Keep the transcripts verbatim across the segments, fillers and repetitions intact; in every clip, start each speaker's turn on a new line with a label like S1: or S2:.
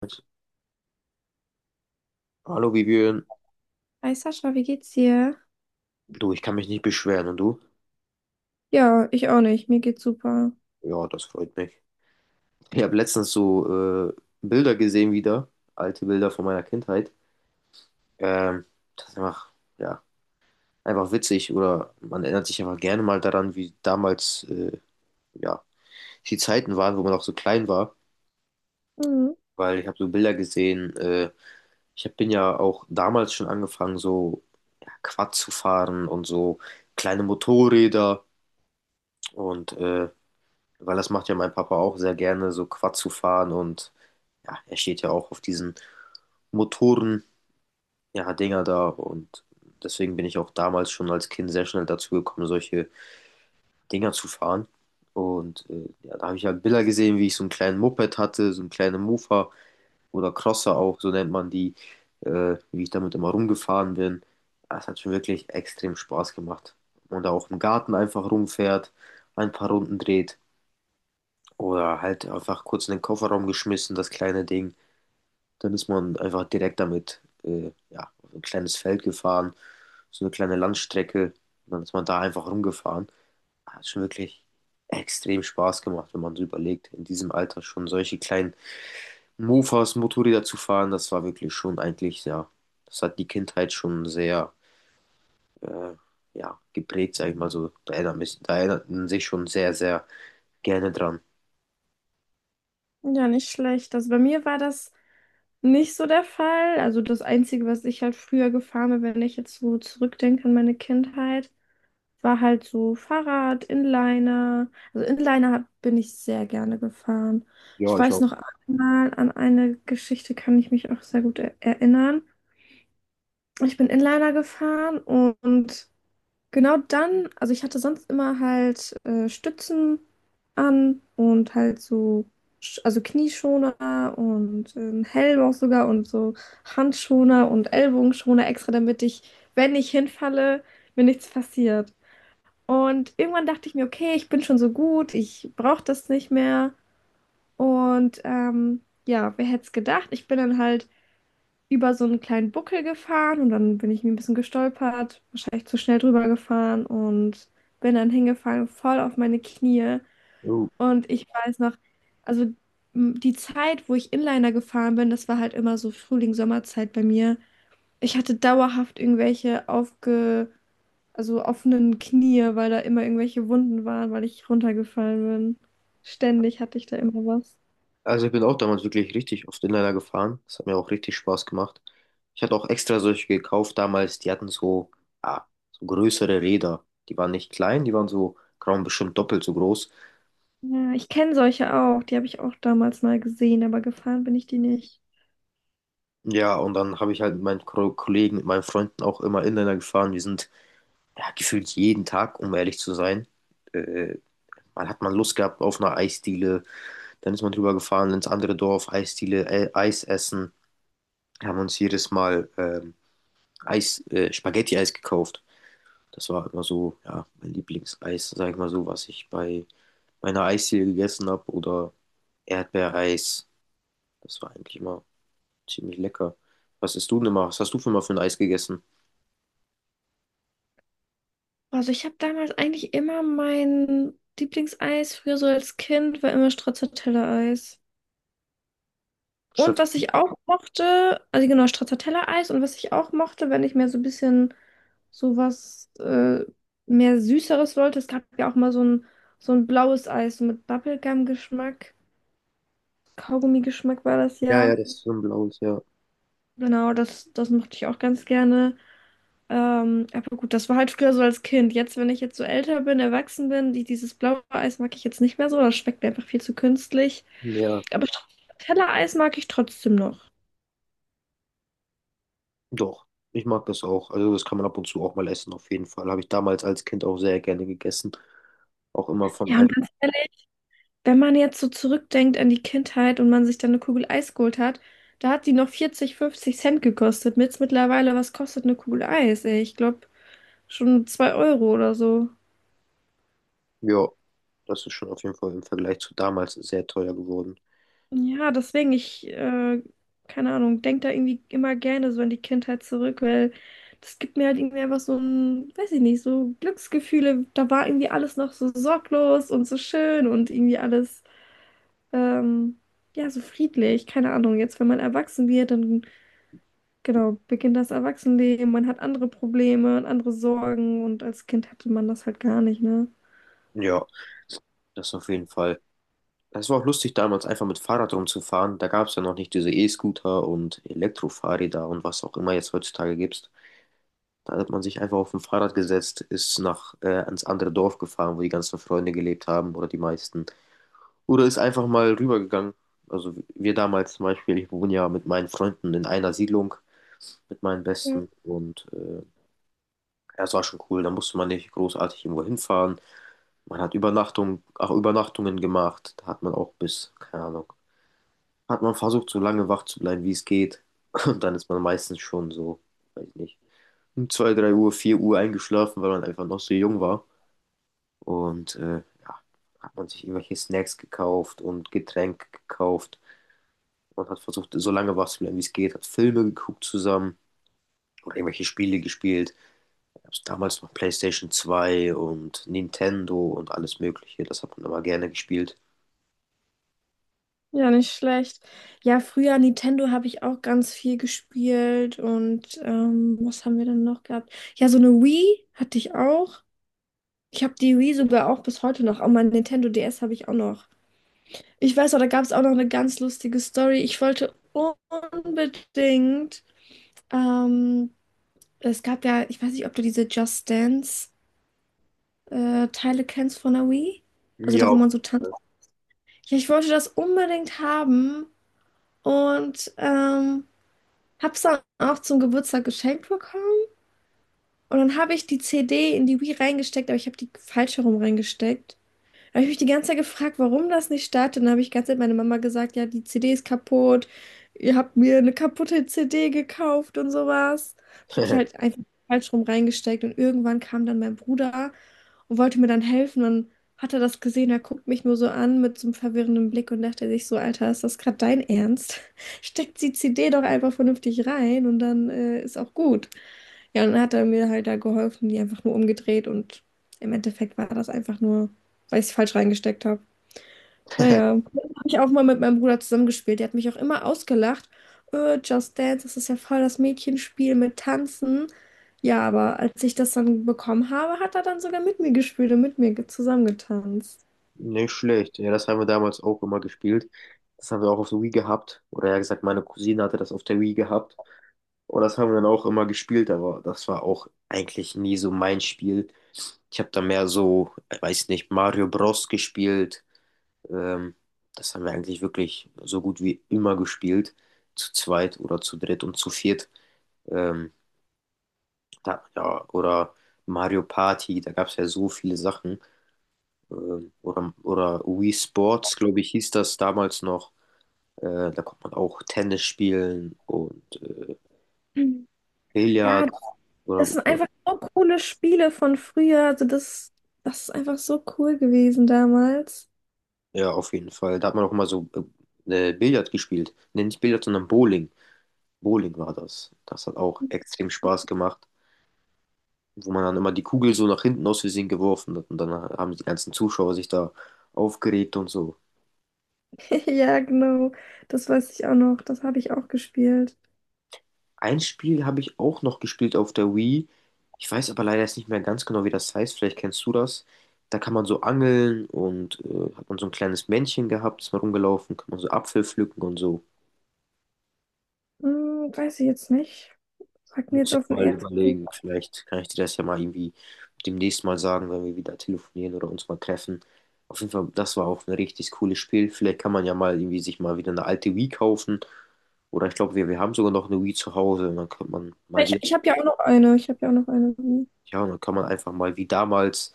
S1: Mit, Hallo Vivian,
S2: Hi Sascha, wie geht's dir?
S1: du, ich kann mich nicht beschweren und du?
S2: Ja, ich auch nicht. Mir geht's super.
S1: Ja, das freut mich. Ich habe letztens so äh, Bilder gesehen wieder, alte Bilder von meiner Kindheit. Ähm, das ist einfach, ja, einfach witzig oder man erinnert sich einfach gerne mal daran, wie damals, äh, ja, die Zeiten waren, wo man auch so klein war,
S2: Mhm.
S1: weil ich habe so Bilder gesehen. Äh, ich hab, bin ja auch damals schon angefangen, so ja, Quad zu fahren und so kleine Motorräder. und äh, Weil das macht ja mein Papa auch sehr gerne, so Quad zu fahren und ja, er steht ja auch auf diesen Motoren, ja, Dinger da und deswegen bin ich auch damals schon als Kind sehr schnell dazu gekommen, solche Dinger zu fahren. Und äh, ja, da habe ich halt Bilder gesehen, wie ich so einen kleinen Moped hatte, so einen kleinen Mofa oder Crosser auch, so nennt man die, äh, wie ich damit immer rumgefahren bin. Das hat schon wirklich extrem Spaß gemacht. Und da auch im Garten einfach rumfährt, ein paar Runden dreht. Oder halt einfach kurz in den Kofferraum geschmissen, das kleine Ding. Dann ist man einfach direkt damit, äh, ja, auf ein kleines Feld gefahren, so eine kleine Landstrecke. Dann ist man da einfach rumgefahren. Ah, Hat schon wirklich extrem Spaß gemacht, wenn man so überlegt, in diesem Alter schon solche kleinen Mofas, Motorräder zu fahren. Das war wirklich schon eigentlich, ja, das hat die Kindheit schon sehr, äh, ja, geprägt, sag ich mal so. Da erinnert mich, da erinnert man sich schon sehr, sehr gerne dran.
S2: Ja, nicht schlecht. Also bei mir war das nicht so der Fall. Also das Einzige, was ich halt früher gefahren bin, wenn ich jetzt so zurückdenke an meine Kindheit, war halt so Fahrrad, Inliner. Also Inliner hab- bin ich sehr gerne gefahren. Ich
S1: Ja, ich
S2: weiß
S1: auch.
S2: noch einmal, an eine Geschichte kann ich mich auch sehr gut er erinnern. Ich bin Inliner gefahren und genau dann, also ich hatte sonst immer halt äh, Stützen an und halt so, Sch- also Knieschoner und äh, einen Helm auch sogar und so Handschoner und Ellbogenschoner extra, damit ich, wenn ich hinfalle, mir nichts passiert. Und irgendwann dachte ich mir, okay, ich bin schon so gut, ich brauche das nicht mehr. Und ähm, ja, wer hätte es gedacht? Ich bin dann halt über so einen kleinen Buckel gefahren und dann bin ich mir ein bisschen gestolpert, wahrscheinlich zu schnell drüber gefahren und bin dann hingefallen, voll auf meine Knie.
S1: Jo.
S2: Und ich weiß noch, also m, die Zeit, wo ich Inliner gefahren bin, das war halt immer so Frühling, Sommerzeit bei mir. Ich hatte dauerhaft irgendwelche aufge, also offenen Knie, weil da immer irgendwelche Wunden waren, weil ich runtergefallen bin. Ständig hatte ich da immer was.
S1: Also ich bin auch damals wirklich richtig oft Inliner gefahren. Das hat mir auch richtig Spaß gemacht. Ich hatte auch extra solche gekauft damals, die hatten so, ah, so größere Räder. Die waren nicht klein, die waren so, keine Ahnung, bestimmt doppelt so groß.
S2: Ja, ich kenne solche auch, die habe ich auch damals mal gesehen, aber gefahren bin ich die nicht.
S1: Ja, und dann habe ich halt mit meinen Ko- Kollegen, mit meinen Freunden auch immer Inliner gefahren. Wir sind ja, gefühlt jeden Tag, um ehrlich zu sein. Äh, Man hat man Lust gehabt auf eine Eisdiele, dann ist man drüber gefahren ins andere Dorf, Eisdiele, äh, Eis essen. haben uns jedes Mal ähm, Eis, äh, Spaghetti-Eis gekauft. Das war immer so, ja, mein Lieblingseis, sag ich mal so, was ich bei meiner Eisdiele gegessen habe oder Erdbeereis. Das war eigentlich immer ziemlich lecker. Was isst du denn immer? Was hast du für mal für ein Eis gegessen?
S2: Also ich habe damals eigentlich immer mein Lieblingseis, früher so als Kind, war immer Stracciatella-Eis. Und
S1: Statt,
S2: was ich auch mochte, also genau, Stracciatella-Eis, und was ich auch mochte, wenn ich mir so ein bisschen sowas äh, mehr Süßeres wollte, es gab ja auch mal so ein, so ein blaues Eis, so mit Bubblegum-Geschmack, Kaugummi-Geschmack war das
S1: ja,
S2: ja.
S1: ja, das ist so ein blaues, ja.
S2: Genau, das, das mochte ich auch ganz gerne. Ähm, aber gut, das war halt früher so als Kind. Jetzt, wenn ich jetzt so älter bin, erwachsen bin, die, dieses blaue Eis mag ich jetzt nicht mehr so. Das schmeckt mir einfach viel zu künstlich.
S1: Ja,
S2: Aber Tellereis mag ich trotzdem noch.
S1: doch. Ich mag das auch. Also das kann man ab und zu auch mal essen, auf jeden Fall. Habe ich damals als Kind auch sehr gerne gegessen. Auch immer von
S2: Ja,
S1: Eis.
S2: und ganz ehrlich, wenn man jetzt so zurückdenkt an die Kindheit und man sich dann eine Kugel Eis geholt hat, da hat die noch vierzig fünfzig Cent gekostet. Mit mittlerweile, was kostet eine Kugel Eis? Ey, ich glaube schon zwei Euro oder so.
S1: Ja, das ist schon auf jeden Fall im Vergleich zu damals sehr teuer geworden.
S2: Ja, deswegen, ich, äh, keine Ahnung, denke da irgendwie immer gerne so an die Kindheit zurück, weil das gibt mir halt irgendwie einfach so ein, weiß ich nicht, so Glücksgefühle. Da war irgendwie alles noch so sorglos und so schön und irgendwie alles, ähm, ja, so friedlich. Keine Ahnung, jetzt, wenn man erwachsen wird, dann, genau, beginnt das Erwachsenenleben, man hat andere Probleme und andere Sorgen, und als Kind hatte man das halt gar nicht, ne?
S1: Ja, das auf jeden Fall. Es war auch lustig damals einfach mit Fahrrad rumzufahren. Da gab es ja noch nicht diese E-Scooter und Elektrofahrräder und was auch immer jetzt heutzutage gibt. Da hat man sich einfach auf ein Fahrrad gesetzt, ist nach äh, ans andere Dorf gefahren, wo die ganzen Freunde gelebt haben oder die meisten. Oder ist einfach mal rübergegangen. Also wir damals zum Beispiel, ich wohne ja mit meinen Freunden in einer Siedlung, mit meinen Besten und äh, ja, es war schon cool. Da musste man nicht großartig irgendwo hinfahren. Man hat Übernachtung, auch Übernachtungen gemacht. Da hat man auch bis, keine Ahnung. hat man versucht, so lange wach zu bleiben, wie es geht. Und dann ist man meistens schon so, weiß nicht, um zwei drei Uhr, vier Uhr eingeschlafen, weil man einfach noch so jung war. Und äh, ja, hat man sich irgendwelche Snacks gekauft und Getränke gekauft. Und hat versucht, so lange wach zu bleiben, wie es geht, hat Filme geguckt zusammen oder irgendwelche Spiele gespielt. Gab's damals noch PlayStation zwei und Nintendo und alles Mögliche. Das hat man immer gerne gespielt.
S2: Ja, nicht schlecht. Ja, früher Nintendo habe ich auch ganz viel gespielt, und ähm, was haben wir denn noch gehabt? Ja, so eine Wii hatte ich auch. Ich habe die Wii sogar auch bis heute noch. Auch mein Nintendo D S habe ich auch noch. Ich weiß auch, da gab es auch noch eine ganz lustige Story. Ich wollte unbedingt, ähm, es gab ja, ich weiß nicht, ob du diese Just Dance äh, Teile kennst von der Wii. Also da, wo
S1: Ja.
S2: man so tanzt. Ja, ich wollte das unbedingt haben, und ähm, hab's dann auch zum Geburtstag geschenkt bekommen. Und dann habe ich die C D in die Wii reingesteckt, aber ich habe die falsch herum reingesteckt. Habe ich mich die ganze Zeit gefragt, warum das nicht startet. Dann habe ich die ganze Zeit meine Mama gesagt, ja, die C D ist kaputt. Ihr habt mir eine kaputte C D gekauft und sowas. Ich habe die halt einfach falsch rum reingesteckt, und irgendwann kam dann mein Bruder und wollte mir dann helfen. Dann hat er das gesehen, er guckt mich nur so an mit so einem verwirrenden Blick und dachte sich so, Alter, ist das gerade dein Ernst? Steckt die C D doch einfach vernünftig rein, und dann äh, ist auch gut. Ja, und dann hat er mir halt da geholfen, die einfach nur umgedreht, und im Endeffekt war das einfach nur, weil ich es falsch reingesteckt habe. Naja, habe ich auch mal mit meinem Bruder zusammengespielt. Der hat mich auch immer ausgelacht. Äh, Just Dance, das ist ja voll das Mädchenspiel mit Tanzen. Ja, aber als ich das dann bekommen habe, hat er dann sogar mit mir gespielt und mit mir ge- zusammengetanzt.
S1: Nicht schlecht. Ja, das haben wir damals auch immer gespielt. Das haben wir auch auf der Wii gehabt. Oder ja gesagt, meine Cousine hatte das auf der Wii gehabt. Und das haben wir dann auch immer gespielt, aber das war auch eigentlich nie so mein Spiel. Ich habe da mehr so, ich weiß nicht, Mario Bros. Gespielt. Ähm, das haben wir eigentlich wirklich so gut wie immer gespielt. Zu zweit oder zu dritt und zu viert. Ähm, da, ja, oder Mario Party, da gab es ja so viele Sachen. Ähm, Oder, oder Wii Sports, glaube ich, hieß das damals noch. Äh, da kommt man auch Tennis spielen und äh,
S2: Ja,
S1: Billard. Oder,
S2: das sind einfach so coole Spiele von früher. Also das, das ist einfach so cool gewesen damals.
S1: ja, auf jeden Fall. Da hat man auch mal so äh, äh, Billard gespielt. Nee, nicht Billard, sondern Bowling. Bowling war das. Das hat auch extrem Spaß gemacht, wo man dann immer die Kugel so nach hinten aus Versehen geworfen hat und dann haben die ganzen Zuschauer sich da aufgeregt und so.
S2: Ja, genau. Das weiß ich auch noch. Das habe ich auch gespielt.
S1: Ein Spiel habe ich auch noch gespielt auf der Wii. Ich weiß aber leider jetzt nicht mehr ganz genau, wie das heißt. Vielleicht kennst du das. Da kann man so angeln und äh, hat man so ein kleines Männchen gehabt, ist mal rumgelaufen, kann man so Apfel pflücken und so.
S2: Hm, weiß ich jetzt nicht. Sagt mir
S1: Muss
S2: jetzt
S1: ich
S2: auf den
S1: mal
S2: ersten.
S1: überlegen. Vielleicht kann ich dir das ja mal irgendwie demnächst mal sagen, wenn wir wieder telefonieren oder uns mal treffen. Auf jeden Fall, das war auch ein richtig cooles Spiel. Vielleicht kann man ja mal irgendwie sich mal wieder eine alte Wii kaufen. Oder ich glaube, wir, wir haben sogar noch eine Wii zu Hause. Und dann kann man mal
S2: Ich,
S1: wieder,
S2: ich habe ja auch noch eine. Ich habe ja auch noch eine.
S1: ja, und dann kann man einfach mal wie damals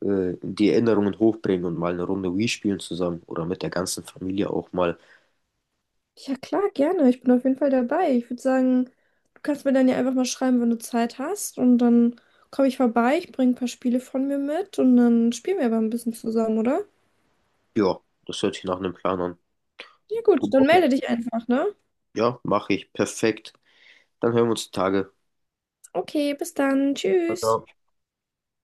S1: äh, die Erinnerungen hochbringen und mal eine Runde Wii spielen zusammen oder mit der ganzen Familie auch mal.
S2: Ja, klar, gerne. Ich bin auf jeden Fall dabei. Ich würde sagen, du kannst mir dann ja einfach mal schreiben, wenn du Zeit hast. Und dann komme ich vorbei. Ich bringe ein paar Spiele von mir mit. Und dann spielen wir aber ein bisschen zusammen, oder?
S1: Ja, das hört sich nach einem Plan an.
S2: Ja, gut. Dann
S1: Okay.
S2: melde dich einfach, ne?
S1: Ja, mache ich. Perfekt. Dann hören wir uns die Tage.
S2: Okay, bis dann.
S1: Ciao,
S2: Tschüss.
S1: ciao.